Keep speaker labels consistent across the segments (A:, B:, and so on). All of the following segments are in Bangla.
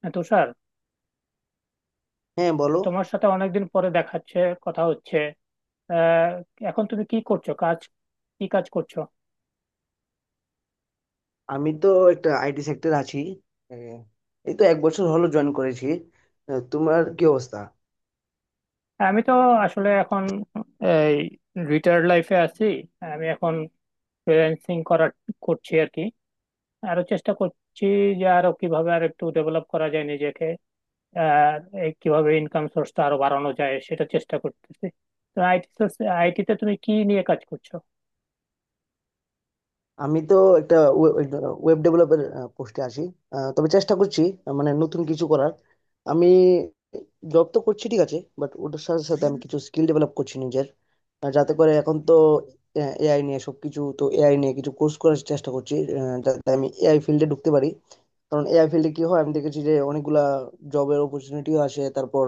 A: হ্যাঁ, তুষার,
B: হ্যাঁ, বলো।
A: তোমার সাথে অনেকদিন পরে দেখাচ্ছে, কথা হচ্ছে। আহ, এখন তুমি কি করছো কাজ? কি কাজ করছো?
B: আমি তো একটা আইটি সেক্টর আছি। আহ, এই তো এক বছর হলো জয়েন করেছি। তোমার কি অবস্থা?
A: আমি তো আসলে এখন এই রিটায়ার্ড লাইফে আছি। আমি এখন ফ্রিল্যান্সিং করছি আর কি। আরো চেষ্টা করছি, যে আরো কিভাবে আর একটু ডেভেলপ করা যায় নিজেকে, আর এই কিভাবে ইনকাম সোর্সটা আরো বাড়ানো যায় সেটা চেষ্টা করতেছি। তো আইটিতে তুমি কি নিয়ে কাজ করছো?
B: আমি তো একটা ওয়েব ডেভেলপার পোস্টে আছি। তবে চেষ্টা করছি, মানে নতুন কিছু করার। আমি জব তো করছি ঠিক আছে, বাট ওটার সাথে সাথে আমি কিছু স্কিল ডেভেলপ করছি নিজের, যাতে করে এখন তো এআই নিয়ে সবকিছু, তো এআই নিয়ে কিছু কোর্স করার চেষ্টা করছি যাতে আমি এআই ফিল্ডে ঢুকতে পারি। কারণ এআই ফিল্ডে কি হয় আমি দেখেছি যে অনেকগুলা জবের অপরচুনিটিও আসে, তারপর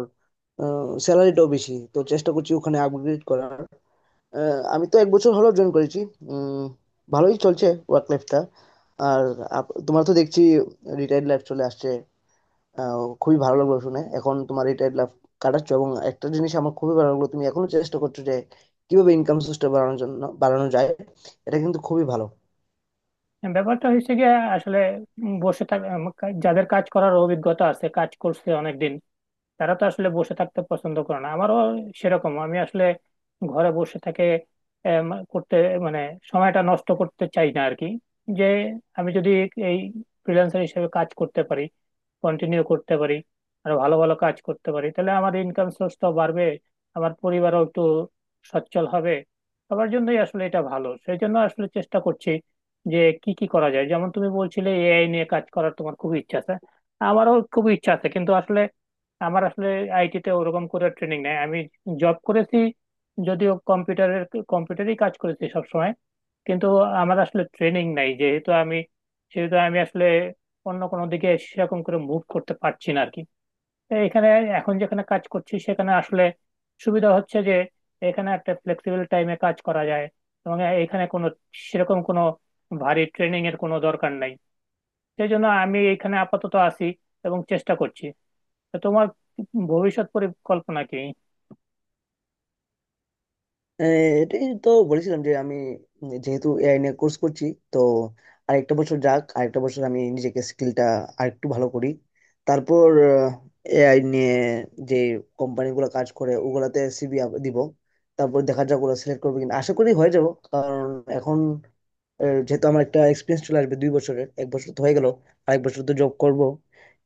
B: স্যালারিটাও বেশি। তো চেষ্টা করছি ওখানে আপগ্রেড করার। আমি তো এক বছর হলো জয়েন করেছি। উম, ভালোই চলছে ওয়ার্ক লাইফটা। আর তোমার তো দেখছি রিটায়ার্ড লাইফ চলে আসছে। খুবই ভালো লাগলো শুনে এখন তোমার রিটায়ার্ড লাইফ কাটাচ্ছ। এবং একটা জিনিস আমার খুবই ভালো লাগলো, তুমি এখনো চেষ্টা করছো যে কিভাবে ইনকাম সোর্সটা বাড়ানোর জন্য বাড়ানো যায়। এটা কিন্তু খুবই ভালো।
A: ব্যাপারটা হয়েছে গিয়ে আসলে, বসে থাকা, যাদের কাজ করার অভিজ্ঞতা আছে, কাজ করছে অনেকদিন, তারা তো আসলে বসে থাকতে পছন্দ করে না। আমারও সেরকম। আমি আসলে ঘরে বসে থেকে করতে মানে সময়টা নষ্ট করতে চাই না আর কি। যে আমি যদি এই ফ্রিল্যান্সার হিসেবে কাজ করতে পারি, কন্টিনিউ করতে পারি, আর ভালো ভালো কাজ করতে পারি, তাহলে আমার ইনকাম সোর্সটাও বাড়বে, আমার পরিবারও একটু সচ্ছল হবে। সবার জন্যই আসলে এটা ভালো, সেই জন্য আসলে চেষ্টা করছি যে কি কি করা যায়। যেমন তুমি বলছিলে এআই নিয়ে কাজ করার তোমার খুব ইচ্ছা আছে, আমারও খুব ইচ্ছা আছে। কিন্তু আসলে আমার আসলে আইটি তে ওরকম করে ট্রেনিং নেই। আমি জব করেছি যদিও, কম্পিউটারেই কাজ করেছি সব সময়। কিন্তু আমার আসলে ট্রেনিং নাই, যেহেতু আমি, সেহেতু আমি আসলে অন্য কোনো দিকে সেরকম করে মুভ করতে পারছি না আর কি। তো এখানে, এখন যেখানে কাজ করছি সেখানে আসলে সুবিধা হচ্ছে যে এখানে একটা ফ্লেক্সিবল টাইমে কাজ করা যায়, এবং এখানে কোনো সেরকম কোনো ভারী ট্রেনিং এর কোনো দরকার নাই। সেই জন্য আমি এখানে আপাতত আছি এবং চেষ্টা করছি। তা তোমার ভবিষ্যৎ পরিকল্পনা কি?
B: আহ, এটাই তো বলেছিলাম যে আমি যেহেতু এআই নিয়ে কোর্স করছি, তো আরেকটা বছর যাক, আরেকটা বছর আমি নিজেকে স্কিলটা আরেকটু ভালো করি। তারপর এআই নিয়ে যে কোম্পানিগুলো কাজ করে ওগুলাতে সিভি দিব। তারপর দেখা যাক ওরা সিলেক্ট করবে কিনা, আশা করি হয়ে যাব। কারণ এখন যেহেতু আমার একটা এক্সপিরিয়েন্স চলে আসবে 2 বছরের, এক বছর তো হয়ে গেল, আরেক বছর তো জব করব।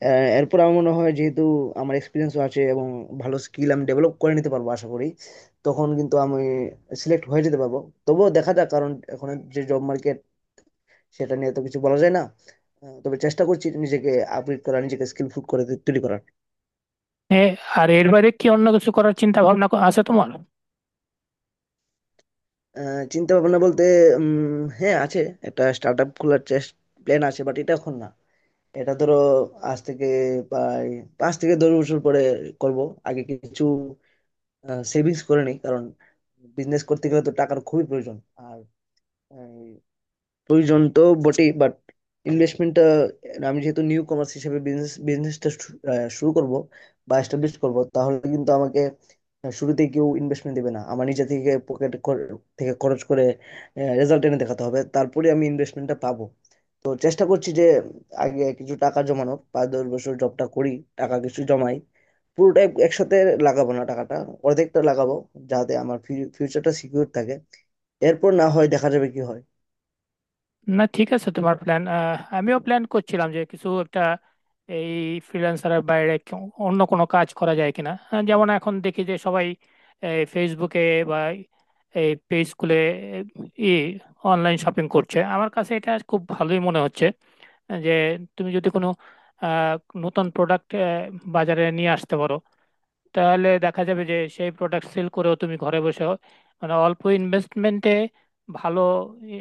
B: এরপর আমার মনে হয়, যেহেতু আমার এক্সপিরিয়েন্সও আছে এবং ভালো স্কিল আমি ডেভেলপ করে নিতে পারবো আশা করি, তখন কিন্তু আমি সিলেক্ট হয়ে যেতে পারবো। তবুও দেখা যাক, কারণ এখন যে জব মার্কেট, সেটা নিয়ে তো কিছু বলা যায় না। তবে চেষ্টা করছি নিজেকে আপগ্রেড করার, নিজেকে স্কিলফুল করে তৈরি করার।
A: এ, আর এর বাইরে কি অন্য কিছু করার চিন্তা ভাবনা আছে তোমার?
B: চিন্তা ভাবনা বলতে হ্যাঁ আছে। একটা স্টার্ট আপ খোলার চেষ্টা, প্ল্যান আছে, বাট এটা এখন না। এটা ধরো আজ থেকে প্রায় 5 থেকে 10 বছর পরে করব। আগে কিছু সেভিংস করে নিই, কারণ বিজনেস করতে গেলে তো টাকার খুবই প্রয়োজন। আর আহ, প্রয়োজন তো বটেই, বাট ইনভেস্টমেন্টটা, আমি যেহেতু নিউ কমার্স হিসেবে বিজনেসটা শুরু করব বা এস্টাবলিশ করব, তাহলে কিন্তু আমাকে শুরুতে কেউ ইনভেস্টমেন্ট দেবে না। আমার নিজে থেকে পকেট থেকে খরচ করে রেজাল্ট এনে দেখাতে হবে, তারপরে আমি ইনভেস্টমেন্টটা পাবো। তো চেষ্টা করছি যে আগে কিছু টাকা জমানোর, 5 10 বছর জবটা করি, টাকা কিছু জমাই। পুরোটা একসাথে লাগাবো না টাকাটা, অর্ধেকটা লাগাবো যাতে আমার ফিউচারটা সিকিউর থাকে। এরপর না হয় দেখা যাবে কি হয়।
A: না ঠিক আছে তোমার প্ল্যান। আমিও প্ল্যান করছিলাম যে কিছু একটা, এই ফ্রিল্যান্সারের বাইরে অন্য কোনো কাজ করা যায় কিনা। যেমন এখন দেখি যে সবাই এই ফেসবুকে বা এই পেজ খুলে ই অনলাইন শপিং করছে। আমার কাছে এটা খুব ভালোই মনে হচ্ছে, যে তুমি যদি কোনো আহ, নতুন প্রোডাক্ট বাজারে নিয়ে আসতে পারো, তাহলে দেখা যাবে যে সেই প্রোডাক্ট সেল করেও তুমি ঘরে বসে, মানে অল্প ইনভেস্টমেন্টে ভালো ই,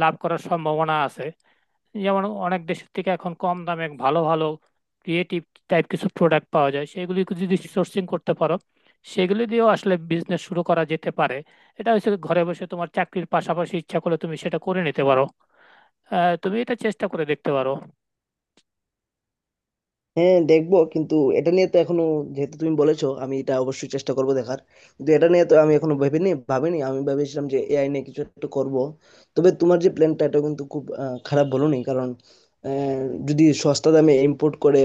A: লাভ করার সম্ভাবনা আছে। যেমন অনেক দেশের থেকে এখন কম দামে ভালো ভালো ক্রিয়েটিভ টাইপ কিছু প্রোডাক্ট পাওয়া যায়, সেগুলি যদি সোর্সিং করতে পারো, সেগুলি দিয়েও আসলে বিজনেস শুরু করা যেতে পারে। এটা হচ্ছে ঘরে বসে তোমার চাকরির পাশাপাশি ইচ্ছা করলে তুমি সেটা করে নিতে পারো। তুমি এটা চেষ্টা করে দেখতে পারো।
B: হ্যাঁ দেখবো, কিন্তু এটা নিয়ে তো এখনো, যেহেতু তুমি বলেছো, আমি এটা অবশ্যই চেষ্টা করব দেখার। কিন্তু এটা নিয়ে তো আমি এখনো ভাবিনি। আমি ভেবেছিলাম যে এআই নিয়ে কিছু একটা করব। তবে তোমার যে প্ল্যানটা, এটা কিন্তু খুব খারাপ বলোনি। কারণ আহ, যদি সস্তা দামে ইম্পোর্ট করে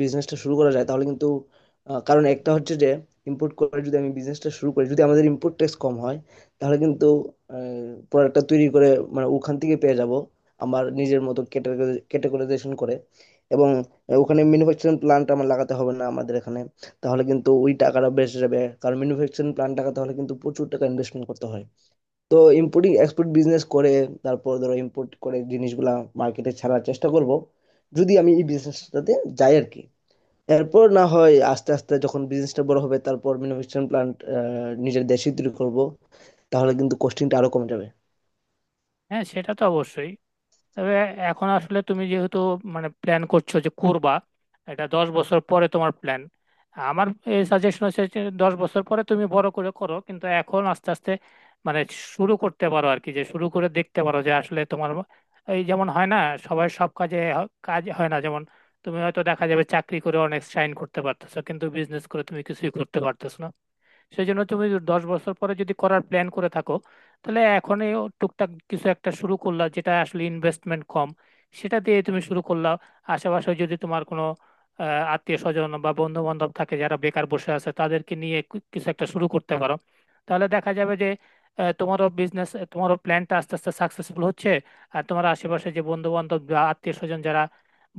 B: বিজনেসটা শুরু করা যায় তাহলে কিন্তু, কারণ একটা হচ্ছে যে, ইম্পোর্ট করে যদি আমি বিজনেসটা শুরু করি, যদি আমাদের ইম্পোর্ট ট্যাক্স কম হয় তাহলে কিন্তু প্রোডাক্টটা তৈরি করে, মানে ওখান থেকে পেয়ে যাব আমার নিজের মতো ক্যাটাগরাইজেশন করে। এবং ওখানে ম্যানুফ্যাকচারিং প্ল্যান্ট আমার লাগাতে হবে না আমাদের এখানে, তাহলে কিন্তু ওই টাকাটা বেঁচে যাবে। কারণ ম্যানুফ্যাকচারিং প্ল্যান্ট লাগাতে হলে কিন্তু প্রচুর টাকা ইনভেস্টমেন্ট করতে হয়। তো ইম্পোর্টিং এক্সপোর্ট বিজনেস করে, তারপর ধরো ইম্পোর্ট করে জিনিসগুলা মার্কেটে ছাড়ার চেষ্টা করব, যদি আমি এই বিজনেসটাতে যাই আর কি। এরপর না হয় আস্তে আস্তে যখন বিজনেসটা বড় হবে, তারপর ম্যানুফ্যাকচারিং প্ল্যান্ট নিজের দেশে তৈরি করব, তাহলে কিন্তু কস্টিংটা আরো কমে যাবে।
A: হ্যাঁ সেটা তো অবশ্যই। তবে এখন আসলে তুমি যেহেতু মানে প্ল্যান করছো যে করবা, এটা 10 বছর পরে তোমার প্ল্যান। আমার এই সাজেশন হচ্ছে যে 10 বছর পরে তুমি বড় করে করো, কিন্তু এখন আস্তে আস্তে মানে শুরু করতে পারো আর কি। যে শুরু করে দেখতে পারো যে আসলে তোমার, এই যেমন হয় না, সবাই সব কাজে কাজ হয় না। যেমন তুমি হয়তো দেখা যাবে চাকরি করে অনেক সাইন করতে পারতেছো, কিন্তু বিজনেস করে তুমি কিছুই করতে পারতেছো না। সেই জন্য তুমি 10 বছর পরে যদি করার প্ল্যান করে থাকো, তাহলে এখনই ও টুকটাক কিছু একটা শুরু করলা, যেটা আসলে ইনভেস্টমেন্ট কম, সেটা দিয়ে তুমি শুরু করলা। আশেপাশে যদি তোমার কোনো আত্মীয় স্বজন বা বন্ধু বান্ধব থাকে যারা বেকার বসে আছে, তাদেরকে নিয়ে কিছু একটা শুরু করতে পারো। তাহলে দেখা যাবে যে তোমারও প্ল্যানটা আস্তে আস্তে সাকসেসফুল হচ্ছে। আর তোমার আশেপাশে যে বন্ধু বান্ধব বা আত্মীয় স্বজন যারা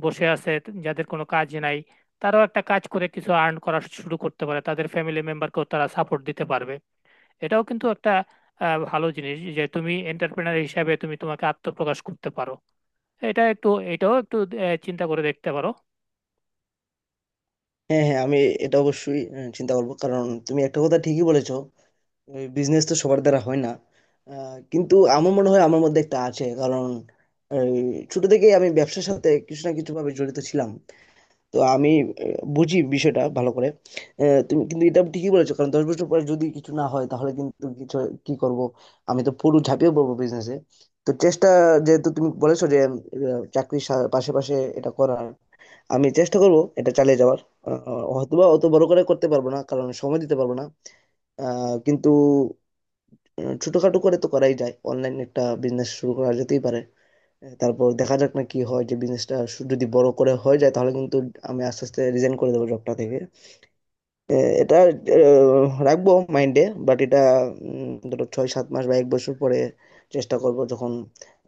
A: বসে আছে, যাদের কোনো কাজ নাই, তারাও একটা কাজ করে কিছু আর্ন করা শুরু করতে পারে, তাদের ফ্যামিলি মেম্বারকেও তারা সাপোর্ট দিতে পারবে। এটাও কিন্তু একটা ভালো জিনিস যে তুমি এন্টারপ্রেনার হিসাবে তুমি তোমাকে আত্মপ্রকাশ করতে পারো। এটাও একটু চিন্তা করে দেখতে পারো।
B: হ্যাঁ, হ্যাঁ, আমি এটা অবশ্যই চিন্তা করবো। কারণ তুমি একটা কথা ঠিকই বলেছো, বিজনেস তো সবার দ্বারা হয় না। কিন্তু আমার মনে হয় আমার মধ্যে একটা আছে। কারণ এই, ছোট থেকেই আমি ব্যবসার সাথে কিছু না কিছু ভাবে জড়িত ছিলাম। তো আমি বুঝি বিষয়টা ভালো করে। তুমি কিন্তু এটা ঠিকই বলেছো, কারণ 10 বছর পরে যদি কিছু না হয় তাহলে কিন্তু কিছু, কি করব? আমি তো পুরো ঝাঁপিয়ে পড়বো বিজনেসে। তো চেষ্টা, যেহেতু তুমি বলেছো যে চাকরির পাশে পাশে এটা করার, আমি চেষ্টা করব এটা চালিয়ে যাওয়ার। হয়তোবা অত বড় করে করতে পারবো না কারণ সময় দিতে পারবো না। কিন্তু ছোটখাটো করে তো করাই যায়, অনলাইন একটা বিজনেস শুরু করা যেতেই পারে। তারপর দেখা যাক না কি হয়, যে বিজনেসটা যদি বড় করে হয়ে যায় তাহলে কিন্তু আমি আস্তে আস্তে রিজাইন করে দেবো জবটা থেকে। আহ, এটা রাখবো মাইন্ডে। বাট এটা ধরো 6 7 মাস বা এক বছর পরে চেষ্টা করব যখন,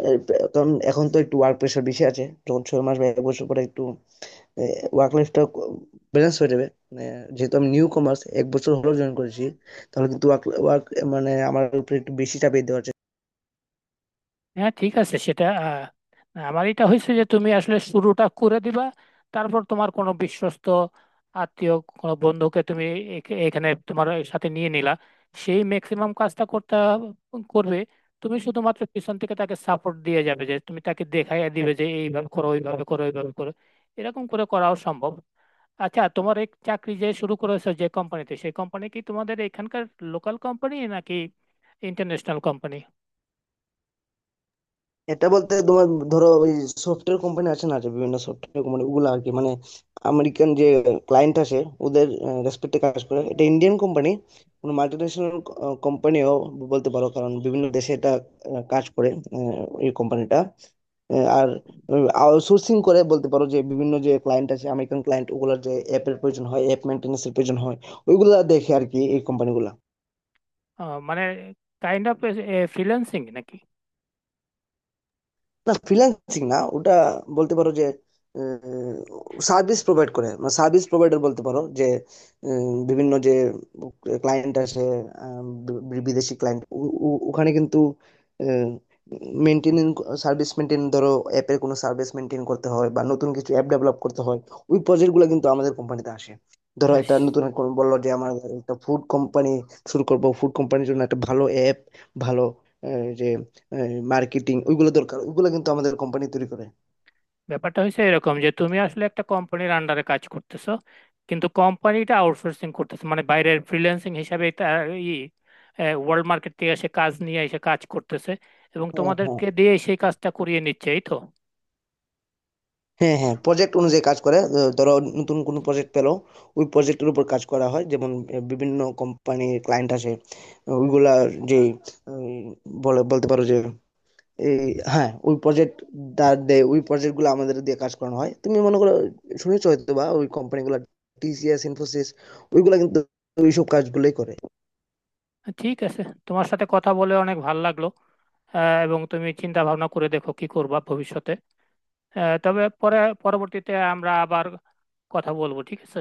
B: আহ, কারণ এখন তো একটু ওয়ার্ক প্রেশার বেশি আছে। যখন 6 মাস বা এক বছর পরে একটু ওয়ার্ক লাইফটা ব্যালেন্স হয়ে যাবে, মানে যেহেতু আমি নিউ কমার্স, এক বছর হলো জয়েন করেছি, তাহলে কিন্তু ওয়ার্ক ওয়ার্ক মানে আমার উপর একটু বেশি চাপিয়ে দেওয়ার।
A: হ্যাঁ ঠিক আছে সেটা। আমার এটা হয়েছে যে তুমি আসলে শুরুটা করে দিবা। তারপর তোমার কোনো বিশ্বস্ত আত্মীয়, কোনো বন্ধুকে তুমি এখানে তোমার সাথে নিয়ে নিলা। সেই ম্যাক্সিমাম কাজটা করবে। তুমি শুধুমাত্র পিছন থেকে তাকে সাপোর্ট দিয়ে যাবে, যে তুমি তাকে দেখাইয়া দিবে যে এইভাবে করো, ওইভাবে করো, ওইভাবে করো। এরকম করে করাও সম্ভব। আচ্ছা তোমার এই চাকরি যে শুরু করেছো যে কোম্পানিতে, সেই কোম্পানি কি তোমাদের এখানকার লোকাল কোম্পানি, নাকি ইন্টারন্যাশনাল কোম্পানি?
B: এটা বলতে, তোমার ধরো ওই সফটওয়্যার কোম্পানি আছে না, যে বিভিন্ন সফটওয়্যার কোম্পানি ওগুলো আর কি, মানে আমেরিকান যে ক্লায়েন্ট আসে ওদের রেসপেক্টে কাজ করে। এটা ইন্ডিয়ান কোম্পানি, কোনো মাল্টিন্যাশনাল কোম্পানিও বলতে পারো, কারণ বিভিন্ন দেশে এটা কাজ করে এই কোম্পানিটা। আর আউটসোর্সিং করে বলতে পারো, যে বিভিন্ন যে ক্লায়েন্ট আছে, আমেরিকান ক্লায়েন্ট, ওগুলোর যে অ্যাপের প্রয়োজন হয়, অ্যাপ মেনটেন্যান্সের প্রয়োজন হয়, ওইগুলা দেখে আর কি এই কোম্পানিগুলো।
A: মানে কাইন্ড অফ ফ্রিল্যান্সিং নাকি?
B: না, ফ্রিল্যান্সিং না ওটা। বলতে পারো যে সার্ভিস প্রোভাইড করে, মানে সার্ভিস প্রোভাইডার বলতে পারো যে বিভিন্ন যে ক্লায়েন্ট আসে, আহ, বিদেশি ক্লায়েন্ট। ওখানে কিন্তু মেনটেন সার্ভিস মেনটেন, ধরো অ্যাপের কোনো সার্ভিস মেনটেন করতে হয় বা নতুন কিছু অ্যাপ ডেভেলপ করতে হয়, ওই প্রজেক্টগুলো কিন্তু আমাদের কোম্পানিতে আসে। ধরো
A: হ্যাঁ,
B: একটা নতুন এক কোন বললো যে আমার একটা ফুড কোম্পানি শুরু করব, ফুড কোম্পানির জন্য একটা ভালো অ্যাপ, ভালো যে মার্কেটিং, ওইগুলো দরকার, ওইগুলো কিন্তু আমাদের কোম্পানি তৈরি করে।
A: ব্যাপারটা হয়েছে এরকম যে তুমি আসলে একটা কোম্পানির আন্ডারে কাজ করতেছো, কিন্তু কোম্পানিটা আউটসোর্সিং করতেছো, মানে বাইরের ফ্রিল্যান্সিং হিসাবে তার ই ওয়ার্ল্ড মার্কেট থেকে এসে কাজ নিয়ে এসে কাজ করতেছে, এবং
B: হ্যাঁ, হ্যাঁ,
A: তোমাদেরকে দিয়ে সেই কাজটা করিয়ে নিচ্ছে এই তো।
B: হ্যাঁ, হ্যাঁ, প্রজেক্ট অনুযায়ী কাজ করে। ধরো নতুন কোনো প্রজেক্ট পেলো, ওই প্রজেক্টের উপর কাজ করা হয়। যেমন বিভিন্ন কোম্পানির ক্লায়েন্ট আসে, ওইগুলা যে উম, বলে, বলতে পারো যে এই, হ্যাঁ ওই প্রজেক্ট দাঁড় দেয়, ওই প্রজেক্ট গুলো আমাদের দিয়ে কাজ করানো হয়। তুমি মনে করো শুনেছো হয়তো বা ওই কোম্পানিগুলো, টিসিএস ইনফোসিস, ওইগুলা কিন্তু ওইসব কাজগুলোই করে।
A: ঠিক আছে, তোমার সাথে কথা বলে অনেক ভালো লাগলো। এবং তুমি চিন্তা ভাবনা করে দেখো কি করবা ভবিষ্যতে। তবে পরবর্তীতে আমরা আবার কথা বলবো, ঠিক আছে।